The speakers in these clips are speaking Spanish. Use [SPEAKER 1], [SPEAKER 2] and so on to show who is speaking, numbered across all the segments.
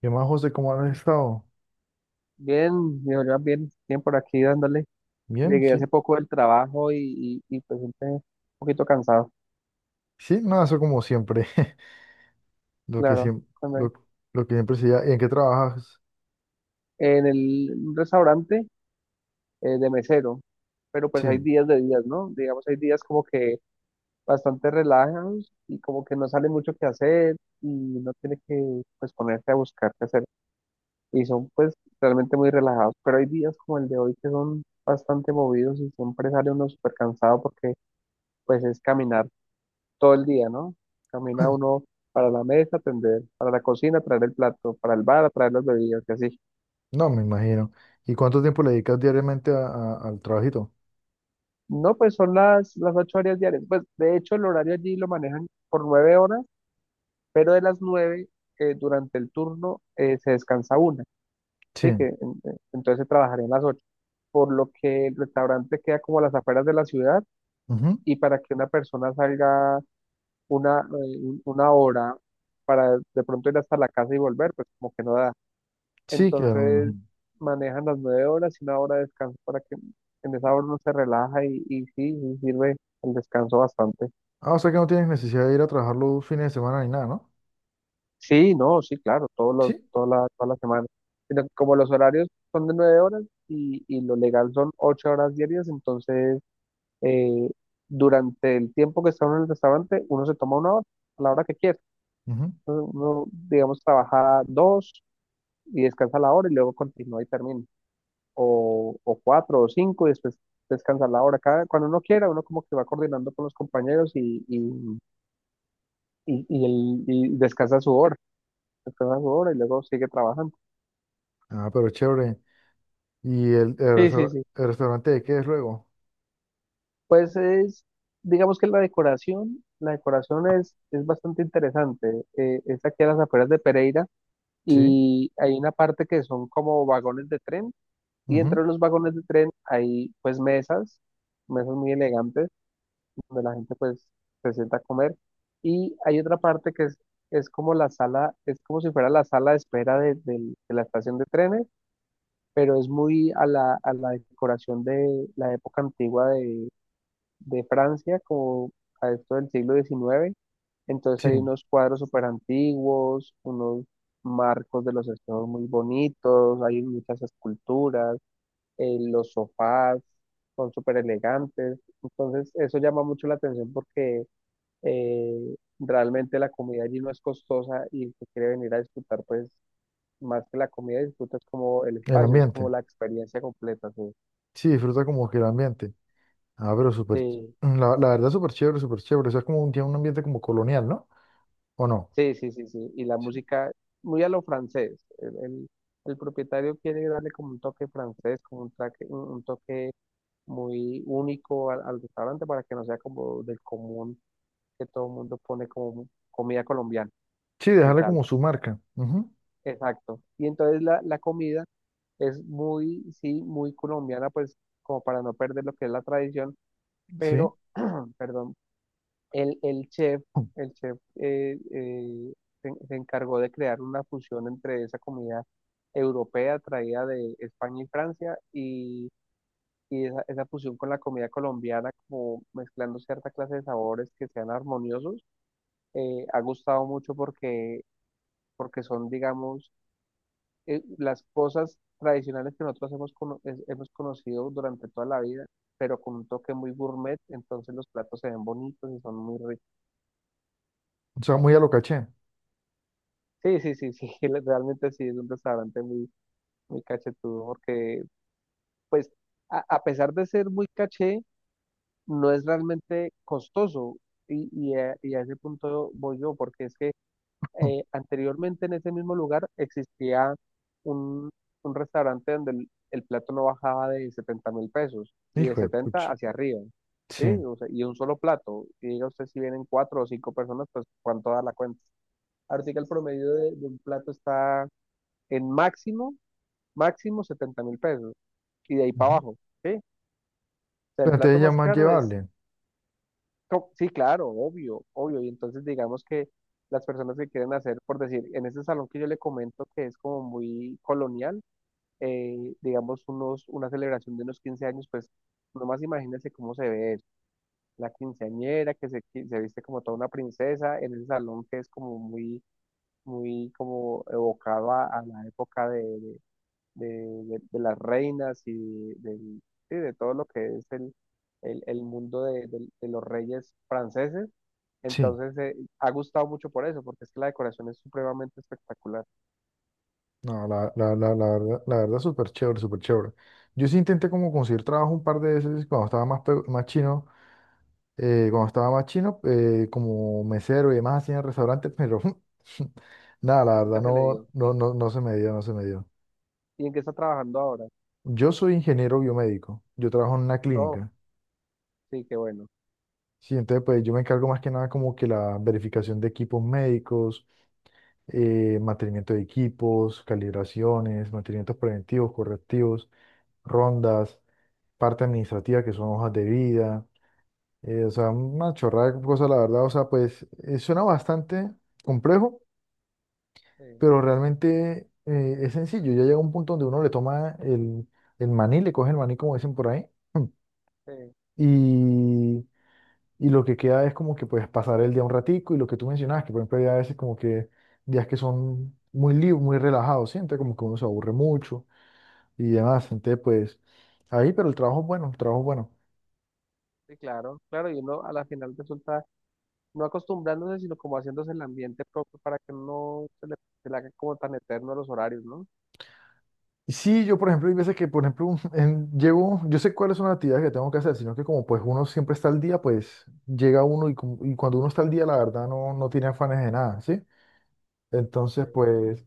[SPEAKER 1] ¿Qué más, José? ¿Cómo has estado?
[SPEAKER 2] Bien, yo ya bien, bien por aquí dándole.
[SPEAKER 1] Bien,
[SPEAKER 2] Llegué
[SPEAKER 1] sí.
[SPEAKER 2] hace poco del trabajo y pues siempre un poquito cansado,
[SPEAKER 1] Sí, nada, eso como siempre. Lo que
[SPEAKER 2] claro.
[SPEAKER 1] siempre,
[SPEAKER 2] cuando
[SPEAKER 1] lo,
[SPEAKER 2] hay-
[SPEAKER 1] lo que siempre se da. ¿Y en qué trabajas?
[SPEAKER 2] En el un restaurante de mesero, pero pues hay
[SPEAKER 1] Sí.
[SPEAKER 2] días de días, ¿no? Digamos, hay días como que bastante relajados y como que no sale mucho que hacer y no tiene que pues ponerse a buscar qué hacer. Y son pues realmente muy relajados, pero hay días como el de hoy que son bastante movidos y siempre sale uno súper cansado porque pues es caminar todo el día, ¿no? Camina uno para la mesa, atender, para la cocina, traer el plato, para el bar, traer las bebidas, y así.
[SPEAKER 1] No, me imagino. ¿Y cuánto tiempo le dedicas diariamente al trabajito?
[SPEAKER 2] No, pues son las 8 horas diarias. Pues de hecho el horario allí lo manejan por 9 horas, pero de las nueve durante el turno se descansa una, ¿sí?
[SPEAKER 1] Sí.
[SPEAKER 2] Entonces se trabajarían las ocho. Por lo que el restaurante queda como a las afueras de la ciudad
[SPEAKER 1] Ujú.
[SPEAKER 2] y para que una persona salga una hora para de pronto ir hasta la casa y volver, pues como que no da.
[SPEAKER 1] Sí, claro. Me
[SPEAKER 2] Entonces
[SPEAKER 1] imagino.
[SPEAKER 2] manejan las 9 horas y una hora de descanso para que en esa hora uno se relaja y sí, sí sirve el descanso bastante.
[SPEAKER 1] Ah, o sea que no tienes necesidad de ir a trabajar los fines de semana ni nada, ¿no?
[SPEAKER 2] Sí, no, sí, claro, todos los,
[SPEAKER 1] Sí.
[SPEAKER 2] toda la semana. Sino que como los horarios son de 9 horas y lo legal son 8 horas diarias, entonces eh, durante el tiempo que está uno en el restaurante, uno se toma una hora, a la hora que quiera.
[SPEAKER 1] Ujú.
[SPEAKER 2] Entonces, uno, digamos, trabaja dos y descansa la hora y luego continúa y termina. O, o cuatro o cinco y después descansar la hora. Cada, cuando uno quiera, uno como que va coordinando con los compañeros y, y el- y descansa su hora y luego sigue trabajando.
[SPEAKER 1] Ah, pero chévere. ¿Y el, el
[SPEAKER 2] Sí, sí,
[SPEAKER 1] restaur-
[SPEAKER 2] sí.
[SPEAKER 1] el restaurante de qué es luego?
[SPEAKER 2] Pues es, digamos que la decoración es bastante interesante. Es aquí a las afueras de Pereira
[SPEAKER 1] Sí.
[SPEAKER 2] y hay una parte que son como vagones de tren y
[SPEAKER 1] Ujú.
[SPEAKER 2] entre los vagones de tren hay pues mesas, mesas muy elegantes donde la gente pues se sienta a comer. Y hay otra parte que es como la sala, es como si fuera la sala de espera del- de la estación de trenes, pero es muy a la decoración de la época antigua de Francia, como a esto del siglo XIX. Entonces
[SPEAKER 1] Sí.
[SPEAKER 2] hay unos cuadros súper antiguos, unos marcos de los espejos muy bonitos, hay muchas esculturas, los sofás son súper elegantes. Entonces, eso llama mucho la atención porque realmente la comida allí no es costosa y el quiere venir a disfrutar, pues más que la comida disfrutas como el
[SPEAKER 1] El
[SPEAKER 2] espacio, es como
[SPEAKER 1] ambiente.
[SPEAKER 2] la experiencia completa, sí.
[SPEAKER 1] Sí, disfruta como que el ambiente. Ah, pero súper, ch-
[SPEAKER 2] Sí,
[SPEAKER 1] la verdad súper chévere, súper chévere. O sea, es como un, tiene un ambiente como colonial, ¿no? ¿O no?
[SPEAKER 2] sí, sí, sí, sí. Y la
[SPEAKER 1] Sí.
[SPEAKER 2] música muy a lo francés. El propietario quiere darle como un toque francés, como un, traque- un toque muy único al restaurante para que no sea como del común que todo el mundo pone como comida colombiana
[SPEAKER 1] Sí,
[SPEAKER 2] y
[SPEAKER 1] dejarle
[SPEAKER 2] tal.
[SPEAKER 1] como su marca. Ujú.
[SPEAKER 2] Exacto. Y entonces la comida es muy, sí, muy colombiana, pues como para no perder lo que es la tradición,
[SPEAKER 1] Sí.
[SPEAKER 2] pero, perdón, el chef,
[SPEAKER 1] O
[SPEAKER 2] el chef eh, eh, se, se encargó de crear una fusión entre esa comida europea traída de España y Francia y esa fusión con la comida colombiana, como mezclando cierta clase de sabores que sean armoniosos, ha gustado mucho porque, porque son, digamos, las cosas tradicionales que nosotros hemos, hemos conocido durante toda la vida, pero con un toque muy gourmet, entonces los platos se ven bonitos y son muy ricos.
[SPEAKER 1] sea, muy a lo caché.
[SPEAKER 2] Sí, sí, sí, sí, realmente sí es un restaurante muy, muy cachetudo, porque pues a pesar de ser muy caché, no es realmente costoso y a ese punto voy yo, porque es que anteriormente en ese mismo lugar existía un, un restaurante donde el plato no bajaba de 70.000 pesos y de
[SPEAKER 1] Hijo de pucha.
[SPEAKER 2] 70 hacia arriba, ¿sí?
[SPEAKER 1] Sí.
[SPEAKER 2] O sea, y un solo plato. Y diga usted si vienen cuatro o cinco personas, pues cuánto da la cuenta. Ahora sí que el promedio de un plato está en máximo, máximo 70.000 pesos y de ahí para
[SPEAKER 1] Ujú.
[SPEAKER 2] abajo, ¿sí? O sea, el
[SPEAKER 1] Pero
[SPEAKER 2] plato
[SPEAKER 1] entonces ya
[SPEAKER 2] más
[SPEAKER 1] más
[SPEAKER 2] caro es
[SPEAKER 1] llevable.
[SPEAKER 2] sí, claro, obvio, obvio. Y entonces digamos que las personas que quieren hacer, por decir, en ese salón que yo le comento que es como muy colonial, digamos unos, una celebración de unos 15 años, pues nomás imagínense cómo se ve eso. La quinceañera que se, se viste como toda una princesa en ese salón que es como muy, muy como evocado a la época de, de las reinas y del- sí, de todo lo que es el el mundo de, de los reyes franceses
[SPEAKER 1] Sí.
[SPEAKER 2] entonces, ha gustado mucho por eso, porque es que la decoración es supremamente espectacular.
[SPEAKER 1] No, la verdad, la verdad súper chévere, súper chévere. Yo sí intenté como conseguir trabajo un par de veces cuando estaba más, pe- más chino, cuando estaba más chino, como mesero y demás así en restaurantes, pero nada, la verdad
[SPEAKER 2] Nunca se le dio.
[SPEAKER 1] no se me dio, no se me dio.
[SPEAKER 2] ¿Y en qué está trabajando ahora?
[SPEAKER 1] Yo soy ingeniero biomédico, yo trabajo en una
[SPEAKER 2] Oh,
[SPEAKER 1] clínica,
[SPEAKER 2] sí, qué bueno.
[SPEAKER 1] ¿sí? Entonces, pues yo me encargo más que nada como que la verificación de equipos médicos, mantenimiento de equipos, calibraciones, mantenimientos preventivos, correctivos, rondas, parte administrativa que son hojas de vida, o sea, una chorrada de cosas, la verdad, o sea, pues, suena bastante complejo,
[SPEAKER 2] Sí,
[SPEAKER 1] pero realmente es sencillo, ya llega un punto donde uno le toma el maní, le coge el maní como dicen por ahí.
[SPEAKER 2] sí,
[SPEAKER 1] Y y lo que queda es como que puedes pasar el día un ratico y lo que tú mencionabas, que por ejemplo hay a veces como que días que son muy libres, muy relajados, siente como que uno se aburre mucho y demás, entonces pues ahí, pero el trabajo es bueno, el trabajo es bueno.
[SPEAKER 2] sí, claro, claro. Y uno a la final resulta no acostumbrándose, sino como haciéndose el ambiente propio para que no se le, se le haga como tan eterno los horarios, ¿no?
[SPEAKER 1] Y sí, yo por ejemplo hay veces que por ejemplo en- llego, yo sé cuáles son las actividades que tengo que hacer, sino que como pues uno siempre está al día, pues llega uno y, como- y cuando uno está al día la verdad no, no tiene afanes de nada, ¿sí? Entonces
[SPEAKER 2] Sí.
[SPEAKER 1] pues...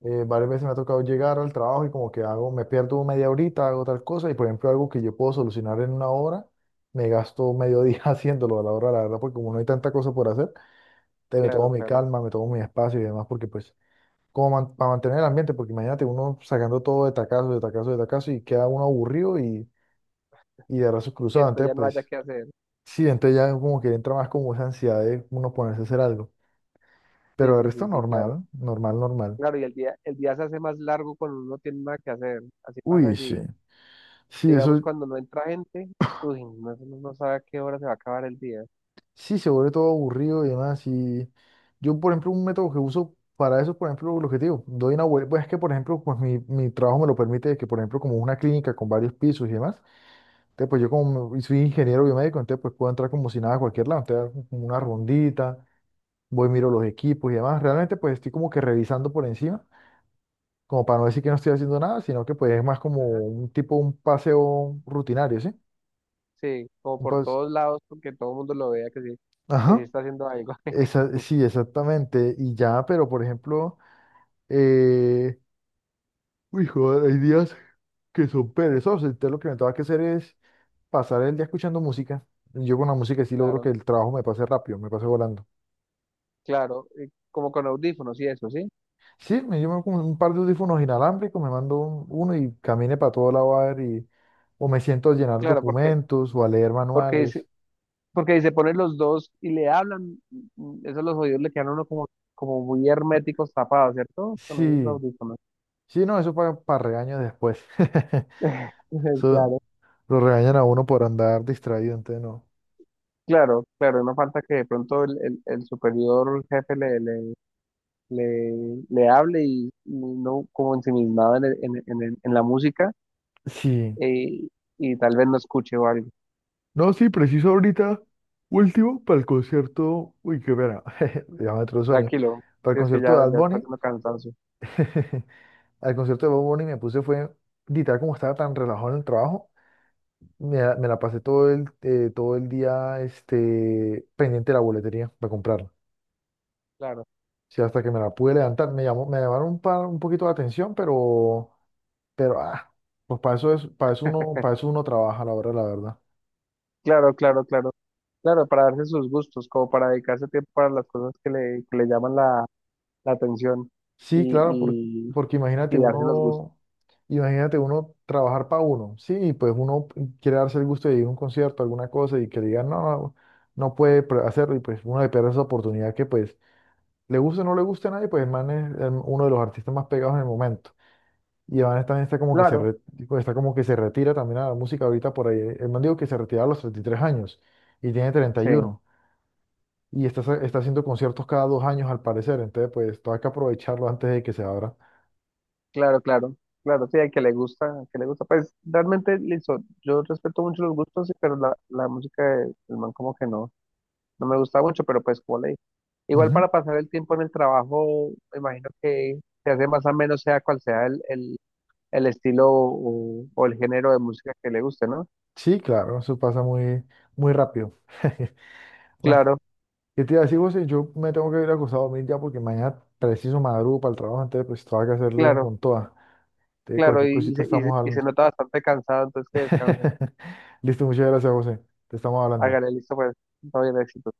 [SPEAKER 1] varias veces me ha tocado llegar al trabajo y como que hago, me pierdo media horita, hago tal cosa y por ejemplo algo que yo puedo solucionar en una hora, me gasto medio día haciéndolo a la hora, la verdad, porque como no hay tanta cosa por hacer, te me tomo
[SPEAKER 2] Claro,
[SPEAKER 1] mi
[SPEAKER 2] claro.
[SPEAKER 1] calma, me tomo mi espacio y demás, porque pues como man- para mantener el ambiente, porque imagínate uno sacando todo de tacazo, de tacazo, de tacazo y queda uno aburrido y de brazos
[SPEAKER 2] Y
[SPEAKER 1] cruzados,
[SPEAKER 2] después
[SPEAKER 1] entonces
[SPEAKER 2] ya no haya
[SPEAKER 1] pues
[SPEAKER 2] que hacer.
[SPEAKER 1] sí, entonces ya como que entra más como esa ansiedad de uno ponerse a hacer algo,
[SPEAKER 2] Sí,
[SPEAKER 1] pero el
[SPEAKER 2] sí,
[SPEAKER 1] resto
[SPEAKER 2] sí, sí, claro.
[SPEAKER 1] normal, normal, normal.
[SPEAKER 2] Claro, y el día se hace más largo cuando uno no tiene nada que hacer. Así pasa
[SPEAKER 1] Uy, sí.
[SPEAKER 2] allí.
[SPEAKER 1] Sí,
[SPEAKER 2] Digamos,
[SPEAKER 1] eso.
[SPEAKER 2] cuando no entra gente, uy, no, no sabe a qué hora se va a acabar el día.
[SPEAKER 1] Sí, se vuelve todo aburrido y demás. Y yo, por ejemplo, un método que uso para eso, por ejemplo, lo que te digo, doy una vuelta, pues es que, por ejemplo, pues mi trabajo me lo permite, que, por ejemplo, como una clínica con varios pisos y demás, entonces, pues yo
[SPEAKER 2] Sí,
[SPEAKER 1] como me- soy ingeniero biomédico, entonces, pues puedo entrar como si nada a cualquier lado, entonces, hago como una rondita, voy, miro los equipos y demás. Realmente, pues estoy como que revisando por encima, como para no decir que no estoy haciendo nada, sino que, pues, es más como
[SPEAKER 2] ajá.
[SPEAKER 1] un tipo, un paseo rutinario, ¿sí?
[SPEAKER 2] Sí, como
[SPEAKER 1] Un
[SPEAKER 2] por
[SPEAKER 1] paseo.
[SPEAKER 2] todos lados, porque todo el mundo lo vea que sí
[SPEAKER 1] Ajá.
[SPEAKER 2] está haciendo algo.
[SPEAKER 1] Esa- sí, exactamente. Y ya, pero por ejemplo... Eh, uy, joder, hay días que son perezosos. Entonces lo que me tengo que hacer es pasar el día escuchando música. Yo con la música sí logro que
[SPEAKER 2] Claro,
[SPEAKER 1] el trabajo me pase rápido, me pase volando.
[SPEAKER 2] claro, y como con audífonos y eso, ¿sí?
[SPEAKER 1] Sí, me llevo con un par de audífonos inalámbricos, me mando un- uno y camine para todo lado a ver y, o me siento a llenar
[SPEAKER 2] Claro, porque,
[SPEAKER 1] documentos o a leer
[SPEAKER 2] porque,
[SPEAKER 1] manuales.
[SPEAKER 2] porque si se ponen los dos y le hablan, esos los oídos le quedan a uno como, como muy herméticos tapados, ¿cierto? Con esos
[SPEAKER 1] Sí,
[SPEAKER 2] audífonos.
[SPEAKER 1] sí, no, eso para regaño después. Eso
[SPEAKER 2] Claro,
[SPEAKER 1] lo regañan a uno por andar distraído, entonces no.
[SPEAKER 2] claro, claro, no falta que de pronto el superior jefe le, le, le hable y no como ensimismado en, en la música
[SPEAKER 1] Sí.
[SPEAKER 2] eh, y tal vez no escuche o algo.
[SPEAKER 1] No, sí, preciso ahorita, último, para el concierto, uy, qué pena, ya me entró el sueño,
[SPEAKER 2] Tranquilo,
[SPEAKER 1] para el
[SPEAKER 2] si es que
[SPEAKER 1] concierto de
[SPEAKER 2] ya,
[SPEAKER 1] Bad
[SPEAKER 2] ya está
[SPEAKER 1] Bunny,
[SPEAKER 2] haciendo cansancio.
[SPEAKER 1] al concierto de Bad Bunny me puse fue, literal, como estaba tan relajado en el trabajo, me la pasé todo el día este, pendiente de la boletería para comprarla,
[SPEAKER 2] Claro,
[SPEAKER 1] sí, hasta que me la pude levantar, me llamaron un, par, un poquito la atención, pero, pero, ah, pues para eso es, para eso uno trabaja, la hora la verdad.
[SPEAKER 2] claro, claro, claro. Claro, para darse sus gustos, como para dedicarse tiempo para las cosas que le llaman la, la atención
[SPEAKER 1] Sí, claro, por-
[SPEAKER 2] y,
[SPEAKER 1] porque
[SPEAKER 2] y darse los gustos.
[SPEAKER 1] imagínate uno trabajar para uno, sí, y pues uno quiere darse el gusto de ir a un concierto, alguna cosa, y que le digan, no puede pre- hacerlo, y pues uno le pierde esa oportunidad que pues le guste o no le guste a nadie, pues el man es el- uno de los artistas más pegados en el momento. Y el man también está como que se,
[SPEAKER 2] Claro,
[SPEAKER 1] re- está como que se retira también a la música ahorita por ahí. El man dijo que se retira a los 33 años y tiene
[SPEAKER 2] sí,
[SPEAKER 1] 31. Y uno. Y está, está haciendo conciertos cada dos años al parecer, entonces pues todo hay que aprovecharlo antes de que se abra.
[SPEAKER 2] claro, claro. Claro, sí, al que le gusta, al que le gusta. Pues realmente, listo, yo respeto mucho los gustos, sí, pero la música del man como que no. No me gusta mucho, pero pues como le dije. Igual para pasar el tiempo en el trabajo, me imagino que se hace más o menos sea cual sea el estilo o el género de música que le guste, ¿no?
[SPEAKER 1] Sí, claro, eso pasa muy, muy rápido. Bueno,
[SPEAKER 2] Claro,
[SPEAKER 1] yo te iba a decir, José, yo me tengo que ir acostado a dormir ya porque mañana preciso madrugo para el trabajo, entonces pues tengo que hacerle
[SPEAKER 2] claro,
[SPEAKER 1] con toda. Entonces,
[SPEAKER 2] claro,
[SPEAKER 1] cualquier cosita estamos
[SPEAKER 2] y se
[SPEAKER 1] hablando.
[SPEAKER 2] nota bastante cansado, entonces que descanse.
[SPEAKER 1] Listo, muchas gracias, José. Te estamos hablando.
[SPEAKER 2] Hágale, listo, pues, todo bien, éxito.